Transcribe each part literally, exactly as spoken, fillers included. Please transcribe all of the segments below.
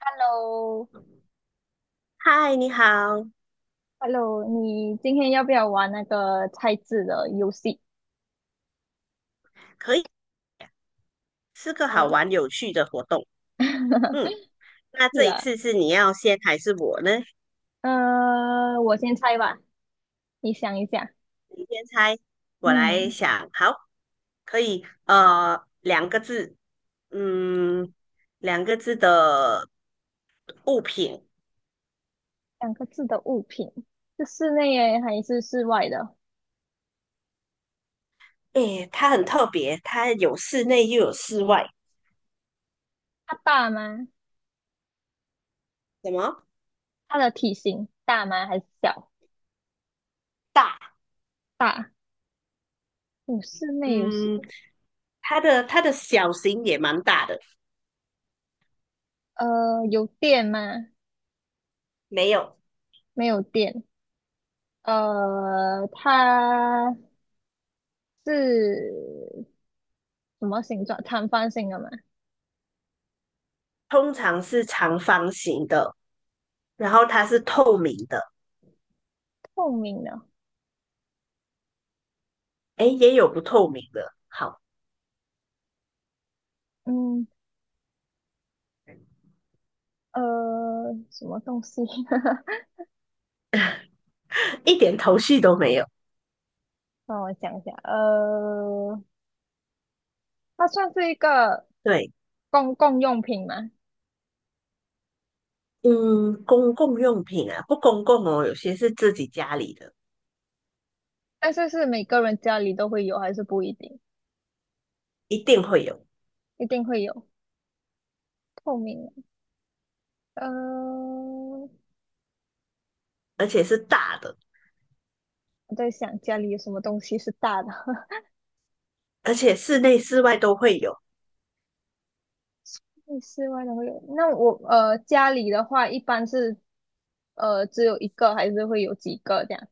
Hello,嗨，你好，Hello,你今天要不要玩那个猜字的游戏？可以是个好呃，玩有趣的活动。嗯，那是这一啊，次是你要先还是我呢？呃，我先猜吧，你想一下。你先猜，我来嗯，想。好，可以。呃，两个字，嗯，两个字的物品。两个字的物品是室内耶还是室外的？诶，它很特别，它有室内又有室外。它大吗？什么？它的体型大吗？还是小？大。大。有室内有室，嗯，它的它的小型也蛮大的。呃，有电吗？没有，没有电。呃，它是什么形状？长方形的吗？通常是长方形的，然后它是透明的。透明的。哎，也有不透明的，好，嗯，呃，什么东西？一点头绪都没有。让我想一下。呃，它算是一个对，公共用品吗？嗯，公共用品啊，不公共哦，有些是自己家里的，但是是每个人家里都会有，还是不一定？一定会有，一定会有。透明的。呃，而且是大的，我在想家里有什么东西是大的。而且室内室外都会有 那室外的会有。那我呃家里的话，一般是呃只有一个，还是会有几个这样？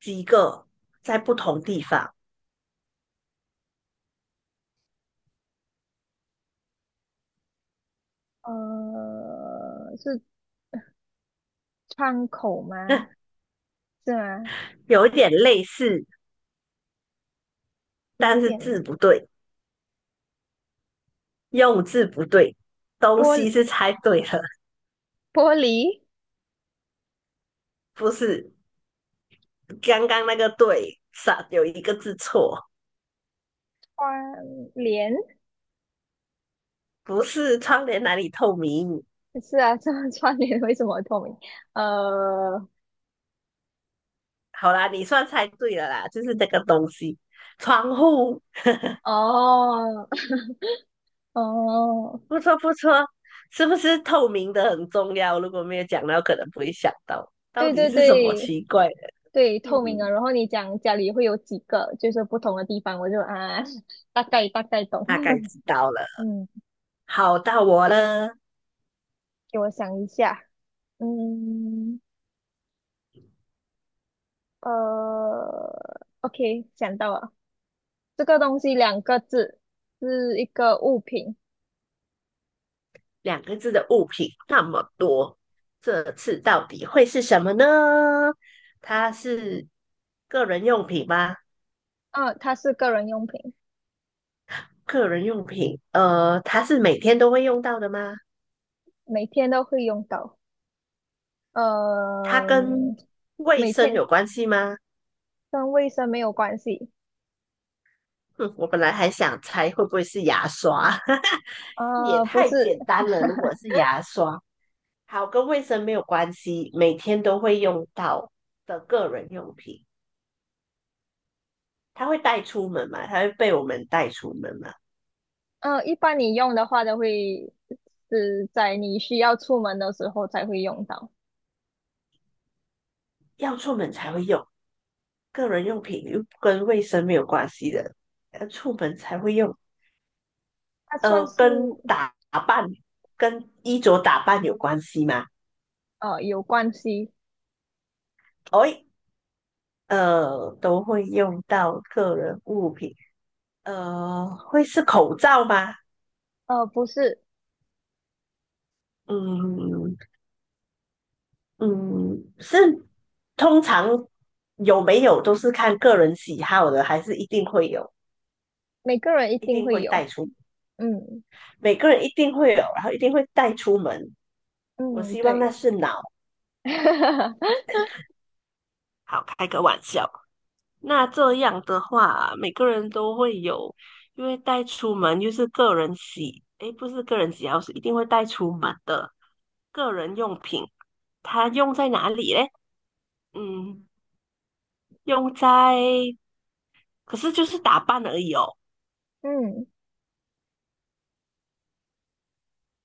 几个，在不同地方，呃，是窗口吗？是吗？有一点类似，有但是点字不对，用字不对，东玻西璃，是猜对了，玻璃。不是刚刚那个对，少有一个字错，窗帘不是窗帘哪里透明，是啊，这么关联为什么透明？呃，好啦，你算猜对了啦，就是这个东西，窗户，哦，哦，不错不错，是不是透明的很重要？如果没有讲到，可能不会想到到对底对是什么对奇怪的。对，透明嗯，啊。然后你讲家里会有几个，就是不同的地方，我就啊，大概大概懂。大概 知道了。嗯，好，到我了，给我想一下。嗯，呃，OK，想到了，这个东西两个字，是一个物品。两个字的物品那么多，这次到底会是什么呢？它是个人用品吗？啊，它是个人用品，个人用品，呃，它是每天都会用到的吗？每天都会用到。它呃，跟卫每生天有关系吗？跟卫生没有关系。哼，我本来还想猜会不会是牙刷，也呃，不太是，简单了。如果 是牙刷，好，跟卫生没有关系，每天都会用到的个人用品，它会带出门嘛？它会被我们带出门嘛？呃，一般你用的话都会是在你需要出门的时候才会用到。要出门才会用，个人用品又跟卫生没有关系的，要出门才会用。它算呃，是跟打扮、跟衣着打扮有关系吗？呃有关系，哎，呃，都会用到个人物品。呃，会是口罩吗？呃，不是嗯嗯，是通常有没有都是看个人喜好的，还是一定会有，每个人一一定定会会有。带出，嗯每个人一定会有，然后一定会带出门。我嗯，希望那对，是脑，好开个玩笑。那这样的话，每个人都会有，因为带出门又是个人喜，诶，不是个人喜好，是一定会带出门的个人用品，它用在哪里嘞？嗯，用在，可是就是打扮而已哦。嗯。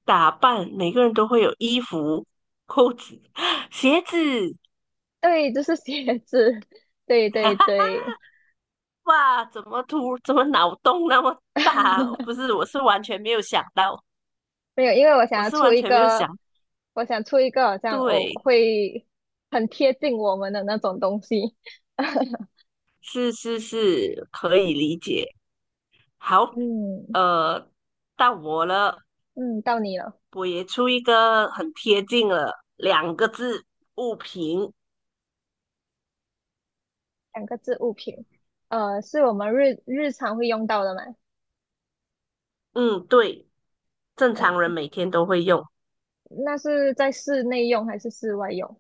打扮，每个人都会有衣服、裤子、鞋子。对，就是鞋子，对对 对，哇，怎么突，怎么脑洞那么大？不 是，我是完全没有想到，没有，因为我想我要是出完一全没有想。个，我想出一个好像哦对，会很贴近我们的那种东西。是是是，可以理解。好，嗯呃，到我了，嗯，到你了，我也出一个很贴近了，两个字，物品。两个字物品，呃，是我们日日常会用到的吗？嗯，对，正常人嗯，每天都会用，那是在室内用还是室外用？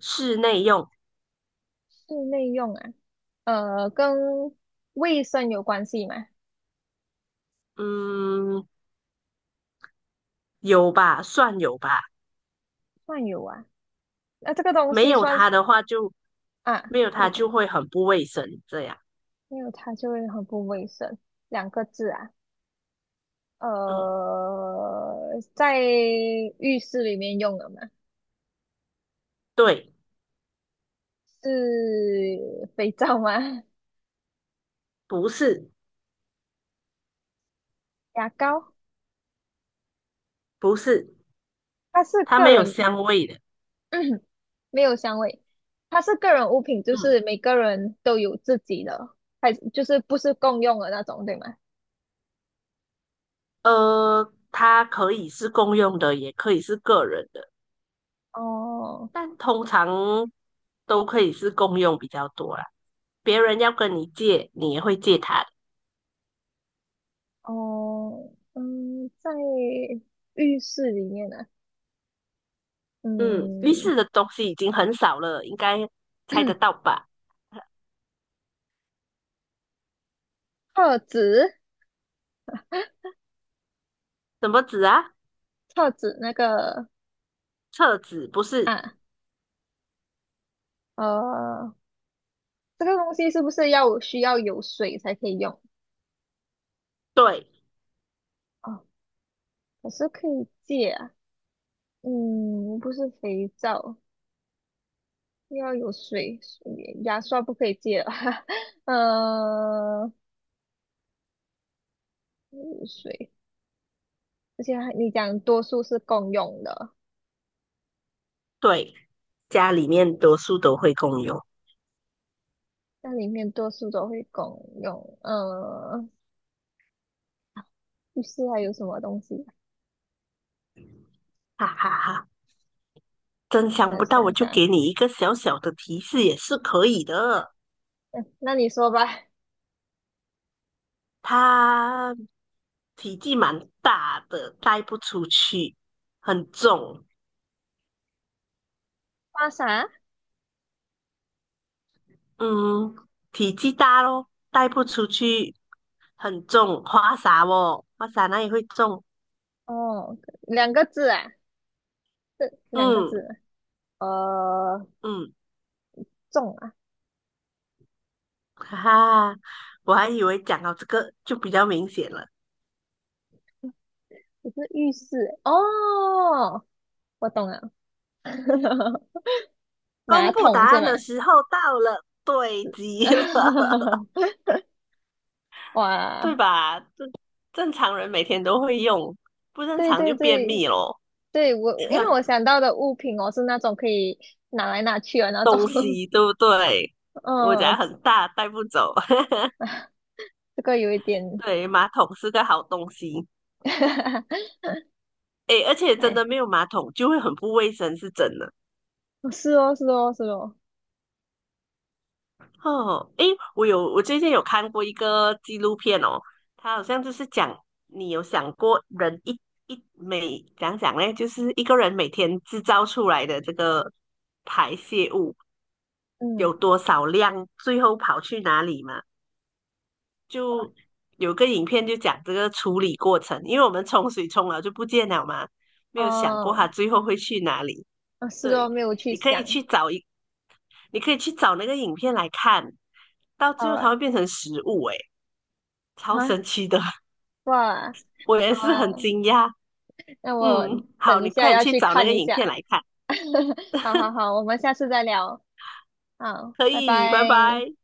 室内用。室内用啊，呃，跟卫生有关系吗？嗯，有吧，算有吧。算有啊，那这个东没西有算是它的话就，啊。没有它就会很不卫生。这样，没有它就会很不卫生。两个字啊，嗯，呃，在浴室里面用的嘛，对，是肥皂吗？不是，牙膏，不是，它是它个没有人，香味的。没有香味，它是个人物品，就嗯，是每个人都有自己的，还就是不是共用的那种，对吗？呃，它可以是公用的，也可以是个人的，哦但通常都可以是公用比较多啦。别人要跟你借，你也会借他的。哦，嗯，在浴室里面呢、嗯，浴嗯，室的东西已经很少了，应该猜得 到吧？厕纸，什么纸啊？厕纸那个厕纸不是？啊。呃，这个东西是不是要需要有水才可以用？对。啊？可是可以借啊。嗯，不是肥皂，要有水，水牙刷不可以借了。呃，有水，而且还你讲多数是共用的，对，家里面多数都会共用，那里面多数都会共用。呃，浴室还有什么东西啊？哈哈哈！真想呃，不到，想我就想，给你一个小小的提示也是可以的。嗯，那你说吧。它体积蛮大的，带不出去，很重。花洒？嗯，体积大咯，带不出去，很重。花洒哦，花洒那也会重。哦，两个字啊，这两个嗯字。呃，嗯，重。啊。哈哈，我还以为讲到这个就比较明显了。不是浴室欸哦，我懂了，马公布答桶是案吗？的时候到了，对极了。对哇，吧？正正常人每天都会用，不正对常对就便对秘咯。对，我我因为我 想到的物品哦是那种可以拿来拿去的那种，东西对不对？我嗯，家很大，带不走。这个有一点，对，马桶是个好东西。诶，而且真哎，的没有马桶就会很不卫生，是真的。哦是哦是哦是哦，哦，诶，我有，我最近有看过一个纪录片哦，它好像就是讲，你有想过人一一每讲讲嘞，就是一个人每天制造出来的这个排泄物。有嗯，多少量，最后跑去哪里嘛？就有个影片就讲这个处理过程，因为我们冲水冲了就不见了嘛，没有想过它哦，最后会去哪里。啊是对，哦，没有去你可以去想，找一，你可以去找那个影片来看，到好最后啊它会变成食物、欸诶，超啊神奇的，哇，我也好是很啊，惊讶。那我嗯，好，等一你下快点要去去找那看个一影片下，来看，好好好，我们下次再聊。好，可拜以，拜拜。拜。